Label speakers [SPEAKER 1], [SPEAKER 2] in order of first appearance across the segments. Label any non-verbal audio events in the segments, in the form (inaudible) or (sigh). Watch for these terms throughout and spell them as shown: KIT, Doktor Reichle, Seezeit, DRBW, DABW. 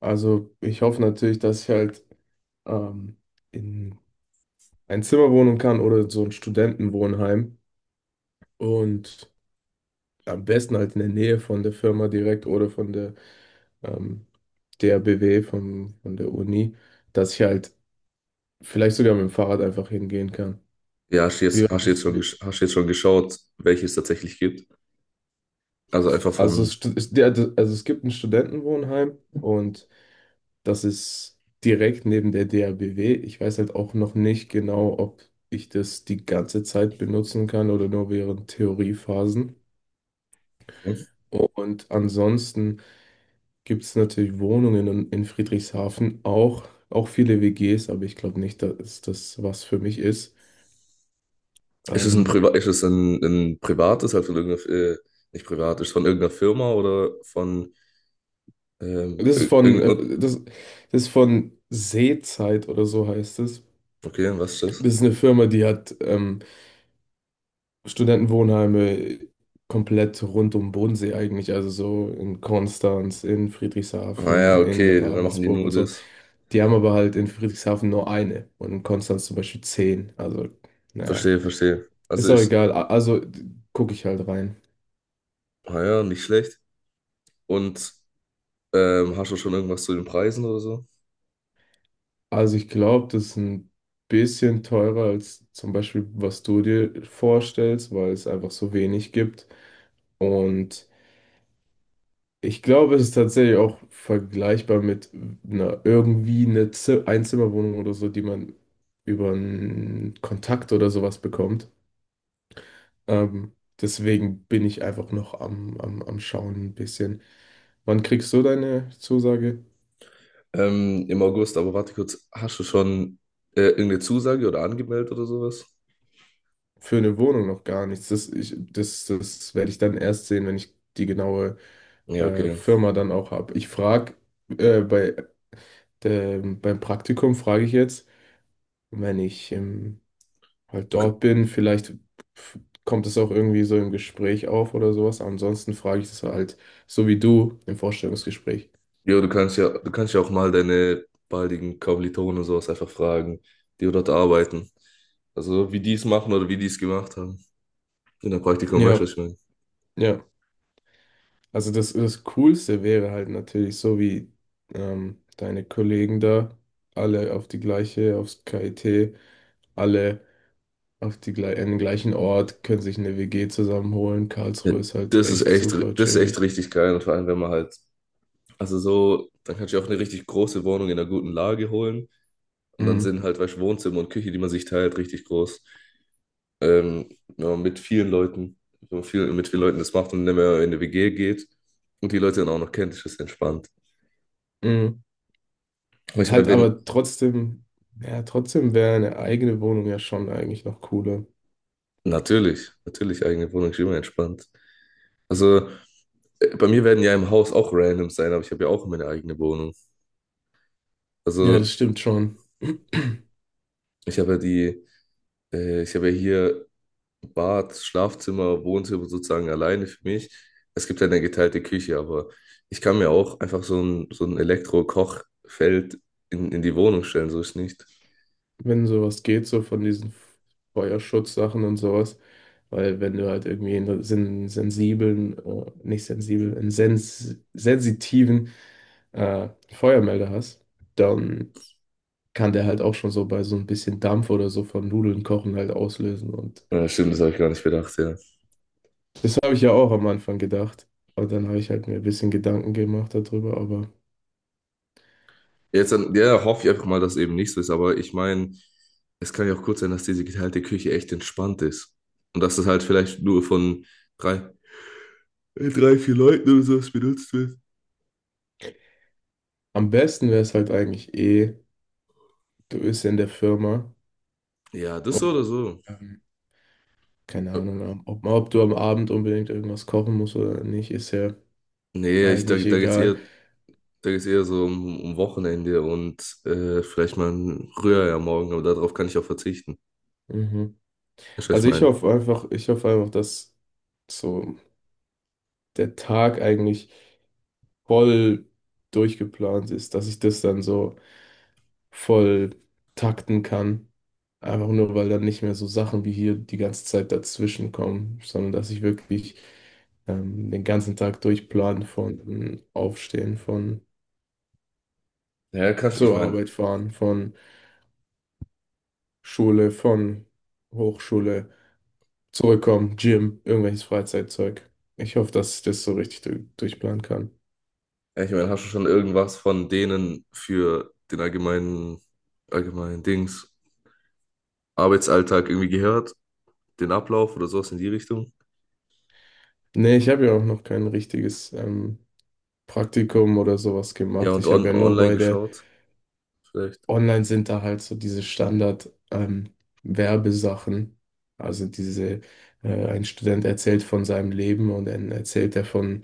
[SPEAKER 1] Also ich hoffe natürlich, dass ich halt ähm, in ein Zimmer wohnen kann oder so ein Studentenwohnheim und am besten halt in der Nähe von der Firma direkt oder von der ähm, DRBW, von der Uni, dass ich halt vielleicht sogar mit dem Fahrrad einfach hingehen kann.
[SPEAKER 2] Ja,
[SPEAKER 1] Wie weit
[SPEAKER 2] hast du jetzt
[SPEAKER 1] ist,
[SPEAKER 2] schon, hast du jetzt schon geschaut, welche es tatsächlich gibt? Also einfach vom.
[SPEAKER 1] ist der, also es gibt ein Studentenwohnheim und das ist direkt neben der DABW. Ich weiß halt auch noch nicht genau, ob ich das die ganze Zeit benutzen kann oder nur während Theoriephasen.
[SPEAKER 2] Okay.
[SPEAKER 1] Und ansonsten gibt es natürlich Wohnungen in Friedrichshafen, auch, auch viele WGs, aber ich glaube nicht, dass das was für mich ist.
[SPEAKER 2] Ist es ein,
[SPEAKER 1] Ähm,
[SPEAKER 2] Priva ist es ein privates, halt von irgendeiner, nicht privat, ist es von irgendeiner Firma oder von
[SPEAKER 1] das ist von,
[SPEAKER 2] irgendeiner.
[SPEAKER 1] das ist von Seezeit oder so heißt es.
[SPEAKER 2] Okay, was ist das?
[SPEAKER 1] Das ist eine Firma, die hat Studentenwohnheime komplett rund um Bodensee eigentlich, also so in Konstanz, in
[SPEAKER 2] Ah ja,
[SPEAKER 1] Friedrichshafen, in
[SPEAKER 2] okay, dann machen die
[SPEAKER 1] Ravensburg
[SPEAKER 2] nur
[SPEAKER 1] und so.
[SPEAKER 2] das.
[SPEAKER 1] Die haben aber halt in Friedrichshafen nur eine und in Konstanz zum Beispiel zehn. Also, naja,
[SPEAKER 2] Verstehe, verstehe. Also
[SPEAKER 1] ist auch
[SPEAKER 2] ist,
[SPEAKER 1] egal. Also gucke ich halt rein.
[SPEAKER 2] ah ja, nicht schlecht. Und hast du schon irgendwas zu den Preisen oder so?
[SPEAKER 1] Also ich glaube, das ist ein bisschen teurer als zum Beispiel, was du dir vorstellst, weil es einfach so wenig gibt. Und ich glaube, es ist tatsächlich auch vergleichbar mit einer irgendwie Einzimmerwohnung oder so, die man über einen Kontakt oder sowas bekommt. Ähm, deswegen bin ich einfach noch am Schauen ein bisschen. Wann kriegst du deine Zusage?
[SPEAKER 2] Im August, aber warte kurz, hast du schon irgendeine Zusage oder angemeldet oder sowas?
[SPEAKER 1] Für eine Wohnung noch gar nichts. Das werde ich dann erst sehen, wenn ich die genaue
[SPEAKER 2] Ja, okay.
[SPEAKER 1] Firma dann auch habe. Äh, bei, beim Praktikum frage ich jetzt, wenn ich im halt dort bin. Vielleicht f- kommt es auch irgendwie so im Gespräch auf oder sowas. Ansonsten frage ich das halt so wie du im Vorstellungsgespräch.
[SPEAKER 2] Jo, du kannst ja auch mal deine baldigen Kommilitonen und sowas einfach fragen, die dort arbeiten. Also wie die es machen oder wie die es gemacht haben. In der Praktikum, weißt du,
[SPEAKER 1] Ja,
[SPEAKER 2] was ich meine?
[SPEAKER 1] ja. Also das Coolste wäre halt natürlich so wie deine Kollegen da, alle auf die gleiche, aufs KIT, alle auf die, gle an den gleichen Ort, können sich eine WG zusammenholen.
[SPEAKER 2] Ja,
[SPEAKER 1] Karlsruhe ist halt echt super
[SPEAKER 2] das ist echt
[SPEAKER 1] chillig.
[SPEAKER 2] richtig geil. Und vor allem, wenn man halt, also so, dann kannst du ja auch eine richtig große Wohnung in einer guten Lage holen. Und dann
[SPEAKER 1] Mhm.
[SPEAKER 2] sind halt, weißt du, Wohnzimmer und Küche, die man sich teilt, richtig groß. Wenn man mit vielen Leuten, wenn man viel, mit vielen Leuten das macht und nicht mehr in eine WG geht und die Leute dann auch noch kennt, ist das entspannt. Aber
[SPEAKER 1] Und
[SPEAKER 2] ich meine,
[SPEAKER 1] halt
[SPEAKER 2] wenn,
[SPEAKER 1] aber trotzdem, ja, trotzdem wäre eine eigene Wohnung ja schon eigentlich noch cooler.
[SPEAKER 2] natürlich, natürlich eigene Wohnung ist immer entspannt. Also bei mir werden ja im Haus auch random sein, aber ich habe ja auch meine eigene Wohnung.
[SPEAKER 1] Ja,
[SPEAKER 2] Also
[SPEAKER 1] das stimmt schon. (clears throat)
[SPEAKER 2] ich habe ja die, ich habe ja hier Bad, Schlafzimmer, Wohnzimmer sozusagen alleine für mich. Es gibt ja eine geteilte Küche, aber ich kann mir auch einfach so ein Elektro-Kochfeld in die Wohnung stellen, so ist nicht.
[SPEAKER 1] Wenn sowas geht, so von diesen Feuerschutzsachen und sowas. Weil wenn du halt irgendwie einen sen sensiblen, nicht sensibel, einen sens sensitiven Feuermelder hast, dann kann der halt auch schon so bei so ein bisschen Dampf oder so von Nudeln kochen halt auslösen. Und
[SPEAKER 2] Ja, stimmt, das habe ich gar nicht bedacht, ja.
[SPEAKER 1] das habe ich ja auch am Anfang gedacht. Aber dann habe ich halt mir ein bisschen Gedanken gemacht darüber, aber.
[SPEAKER 2] Jetzt dann, ja, hoffe ich einfach mal, dass eben nicht so ist, aber ich meine, es kann ja auch kurz sein, dass diese geteilte Küche echt entspannt ist. Und dass es halt vielleicht nur von drei, drei, vier Leuten oder sowas benutzt wird.
[SPEAKER 1] Am besten wäre es halt eigentlich eh, du bist in der Firma
[SPEAKER 2] Ja, das so
[SPEAKER 1] und
[SPEAKER 2] oder so.
[SPEAKER 1] ähm, keine
[SPEAKER 2] Äh,
[SPEAKER 1] Ahnung, ob, ob du am Abend unbedingt irgendwas kochen musst oder nicht, ist ja
[SPEAKER 2] Nee, ich,
[SPEAKER 1] eigentlich egal.
[SPEAKER 2] da geht's eher so um, um Wochenende und vielleicht mal ein Rührei am Morgen, aber darauf kann ich auch verzichten.
[SPEAKER 1] Mhm.
[SPEAKER 2] Weißt du, was ich
[SPEAKER 1] Also
[SPEAKER 2] meine?
[SPEAKER 1] ich hoffe einfach, dass so der Tag eigentlich voll durchgeplant ist, dass ich das dann so voll takten kann. Einfach nur, weil dann nicht mehr so Sachen wie hier die ganze Zeit dazwischen kommen, sondern dass ich wirklich den ganzen Tag durchplan von Aufstehen, von
[SPEAKER 2] Ja, kannst, ich
[SPEAKER 1] zur
[SPEAKER 2] meine,
[SPEAKER 1] Arbeit fahren, von Schule, von Hochschule, zurückkommen, Gym, irgendwelches Freizeitzeug. Ich hoffe, dass ich das so richtig du durchplanen kann.
[SPEAKER 2] ja, ich meine, hast du schon irgendwas von denen für den allgemeinen, allgemeinen Dings, Arbeitsalltag irgendwie gehört? Den Ablauf oder sowas in die Richtung.
[SPEAKER 1] Nee, ich habe ja auch noch kein richtiges Praktikum oder sowas
[SPEAKER 2] Ja,
[SPEAKER 1] gemacht.
[SPEAKER 2] und
[SPEAKER 1] Ich habe
[SPEAKER 2] on
[SPEAKER 1] ja nur
[SPEAKER 2] online
[SPEAKER 1] bei der
[SPEAKER 2] geschaut, vielleicht.
[SPEAKER 1] online sind da halt so diese Standard Werbesachen. Also diese, ein Student erzählt von seinem Leben und dann erzählt er von,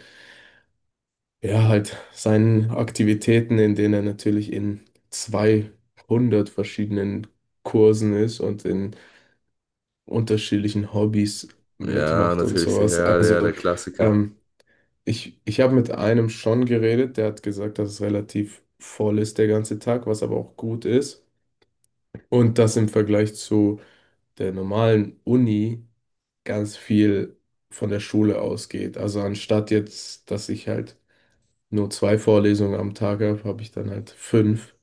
[SPEAKER 1] ja, halt seinen Aktivitäten, in denen er natürlich in 200 verschiedenen Kursen ist und in unterschiedlichen Hobbys
[SPEAKER 2] Ja,
[SPEAKER 1] mitmacht und
[SPEAKER 2] natürlich,
[SPEAKER 1] sowas.
[SPEAKER 2] ja, der
[SPEAKER 1] Also
[SPEAKER 2] Klassiker.
[SPEAKER 1] ähm, ich habe mit einem schon geredet, der hat gesagt, dass es relativ voll ist der ganze Tag, was aber auch gut ist. Und das im Vergleich zu der normalen Uni ganz viel von der Schule ausgeht. Also anstatt jetzt, dass ich halt nur zwei Vorlesungen am Tag habe, habe ich dann halt fünf.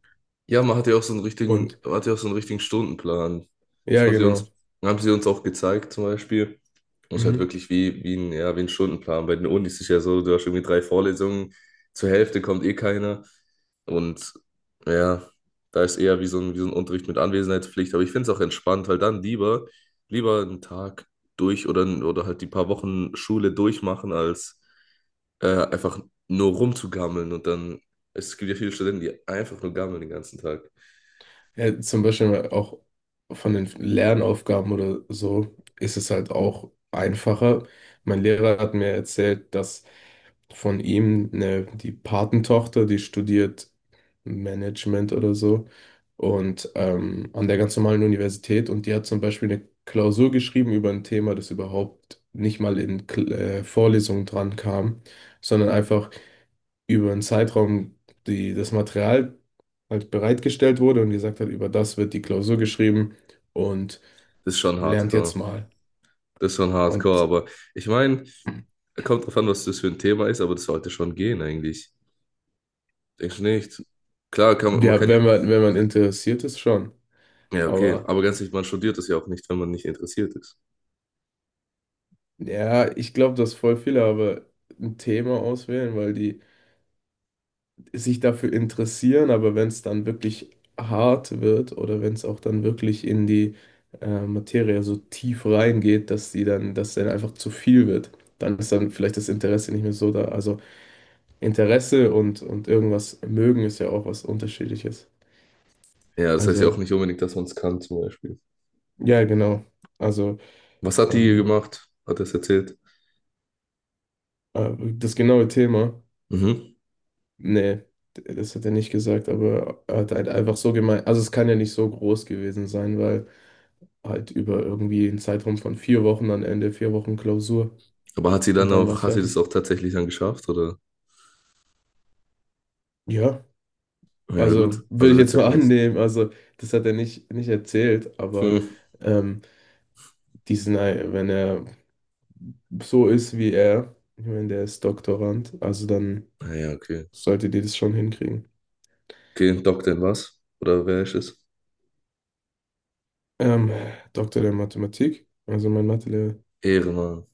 [SPEAKER 2] Ja,
[SPEAKER 1] Und
[SPEAKER 2] man hat ja auch so einen richtigen Stundenplan. Das
[SPEAKER 1] ja, genau.
[SPEAKER 2] haben sie uns auch gezeigt, zum Beispiel. Muss halt
[SPEAKER 1] Mhm.
[SPEAKER 2] wirklich wie, wie ein, ja, wie ein Stundenplan. Bei den Unis ist es ja so, du hast irgendwie drei Vorlesungen, zur Hälfte kommt eh keiner. Und ja, da ist eher wie wie so ein Unterricht mit Anwesenheitspflicht. Aber ich finde es auch entspannt, weil dann lieber einen Tag durch oder halt die paar Wochen Schule durchmachen, als einfach nur rumzugammeln. Und dann, es gibt ja viele Studenten, die einfach nur gammeln den ganzen Tag.
[SPEAKER 1] Ja, zum Beispiel auch von den Lernaufgaben oder so ist es halt auch einfacher. Mein Lehrer hat mir erzählt, dass von ihm, ne, die Patentochter, die studiert Management oder so und an der ganz normalen Universität und die hat zum Beispiel eine Klausur geschrieben über ein Thema, das überhaupt nicht mal in Vorlesungen dran kam, sondern einfach über einen Zeitraum, die das Material halt bereitgestellt wurde und gesagt hat, über das wird die Klausur geschrieben und
[SPEAKER 2] Das ist schon
[SPEAKER 1] lernt jetzt
[SPEAKER 2] hardcore.
[SPEAKER 1] mal.
[SPEAKER 2] Das ist schon hardcore.
[SPEAKER 1] Und
[SPEAKER 2] Aber ich meine. Kommt drauf an, was das für ein Thema ist, aber das sollte schon gehen eigentlich. Denkst du nicht? Klar, kann, man
[SPEAKER 1] ja,
[SPEAKER 2] kann ja.
[SPEAKER 1] wenn man, wenn man interessiert ist, schon,
[SPEAKER 2] Ja, okay.
[SPEAKER 1] aber.
[SPEAKER 2] Aber ganz ehrlich, man studiert das ja auch nicht, wenn man nicht interessiert ist.
[SPEAKER 1] Ja, ich glaube, dass voll viele aber ein Thema auswählen, weil die sich dafür interessieren, aber wenn es dann wirklich hart wird oder wenn es auch dann wirklich in die Materie so tief reingeht, dass die dann, dass dann einfach zu viel wird, dann ist dann vielleicht das Interesse nicht mehr so da. Also Interesse und irgendwas mögen ist ja auch was Unterschiedliches.
[SPEAKER 2] Ja, das heißt ja auch
[SPEAKER 1] Also,
[SPEAKER 2] nicht unbedingt, dass man es kann, zum Beispiel.
[SPEAKER 1] ja, genau. Also
[SPEAKER 2] Was hat die
[SPEAKER 1] ähm,
[SPEAKER 2] gemacht? Hat er es erzählt?
[SPEAKER 1] das genaue Thema.
[SPEAKER 2] Mhm.
[SPEAKER 1] Nee, das hat er nicht gesagt, aber er hat halt einfach so gemeint. Also es kann ja nicht so groß gewesen sein, weil halt über irgendwie einen Zeitraum von vier Wochen am Ende, vier Wochen Klausur
[SPEAKER 2] Aber hat sie
[SPEAKER 1] und
[SPEAKER 2] dann
[SPEAKER 1] dann war
[SPEAKER 2] auch,
[SPEAKER 1] es
[SPEAKER 2] hat sie das
[SPEAKER 1] fertig.
[SPEAKER 2] auch tatsächlich dann geschafft, oder?
[SPEAKER 1] Ja,
[SPEAKER 2] Ja, gut.
[SPEAKER 1] also würde
[SPEAKER 2] Also
[SPEAKER 1] ich
[SPEAKER 2] wird's
[SPEAKER 1] jetzt
[SPEAKER 2] ja
[SPEAKER 1] mal (laughs)
[SPEAKER 2] passen.
[SPEAKER 1] annehmen. Also das hat er nicht, nicht erzählt, aber
[SPEAKER 2] Hm.
[SPEAKER 1] ähm, wenn er so ist wie er, ich meine, der ist Doktorand, also dann
[SPEAKER 2] Naja, okay.
[SPEAKER 1] solltet ihr das schon hinkriegen.
[SPEAKER 2] Okay, Doktor in was? Oder wer ist es?
[SPEAKER 1] Ähm, Doktor der Mathematik, also mein Mathelehrer,
[SPEAKER 2] Ehrenmann.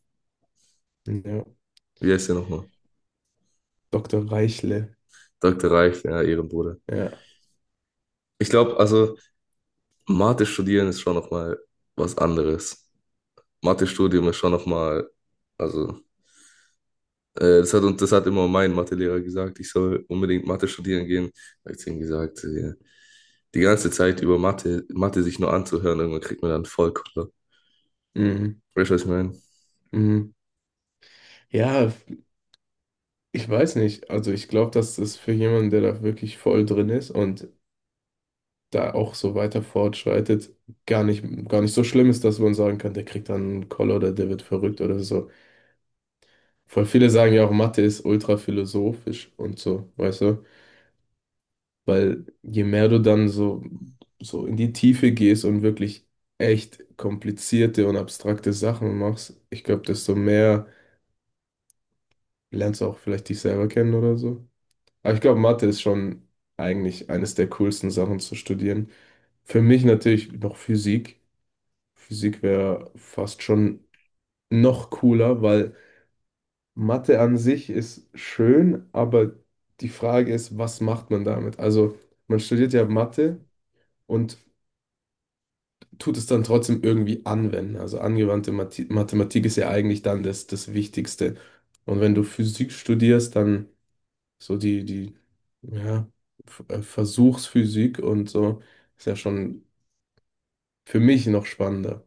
[SPEAKER 1] ja,
[SPEAKER 2] Wie heißt der nochmal?
[SPEAKER 1] Doktor Reichle.
[SPEAKER 2] Dr. Reif, ja, Ehrenbruder.
[SPEAKER 1] Ja.
[SPEAKER 2] Ich glaube, also Mathe studieren ist schon nochmal was anderes. Mathe-Studium ist schon nochmal, also, das hat, und das hat immer mein Mathelehrer gesagt, ich soll unbedingt Mathe studieren gehen. Da habe ich zu ihm gesagt, die ganze Zeit über Mathe, Mathe sich nur anzuhören, irgendwann kriegt man dann voll Koller.
[SPEAKER 1] Mhm.
[SPEAKER 2] Weißt du, was ich meine?
[SPEAKER 1] Mhm. Ja, ich weiß nicht. Also ich glaube, dass das für jemanden, der da wirklich voll drin ist und da auch so weiter fortschreitet, gar nicht, gar nicht so schlimm ist, dass man sagen kann, der kriegt dann einen Koller oder der wird verrückt oder so. Voll viele sagen ja auch, Mathe ist ultra philosophisch und so, weißt du? Weil je mehr du dann so, so in die Tiefe gehst und wirklich echt komplizierte und abstrakte Sachen machst, ich glaube, desto mehr lernst du auch vielleicht dich selber kennen oder so. Aber ich glaube, Mathe ist schon eigentlich eines der coolsten Sachen zu studieren. Für mich natürlich noch Physik. Physik wäre fast schon noch cooler, weil Mathe an sich ist schön, aber die Frage ist, was macht man damit? Also man studiert ja Mathe und tut es dann trotzdem irgendwie anwenden. Also angewandte Mathematik ist ja eigentlich dann das Wichtigste. Und wenn du Physik studierst, dann so die, ja, Versuchsphysik und so ist ja schon für mich noch spannender.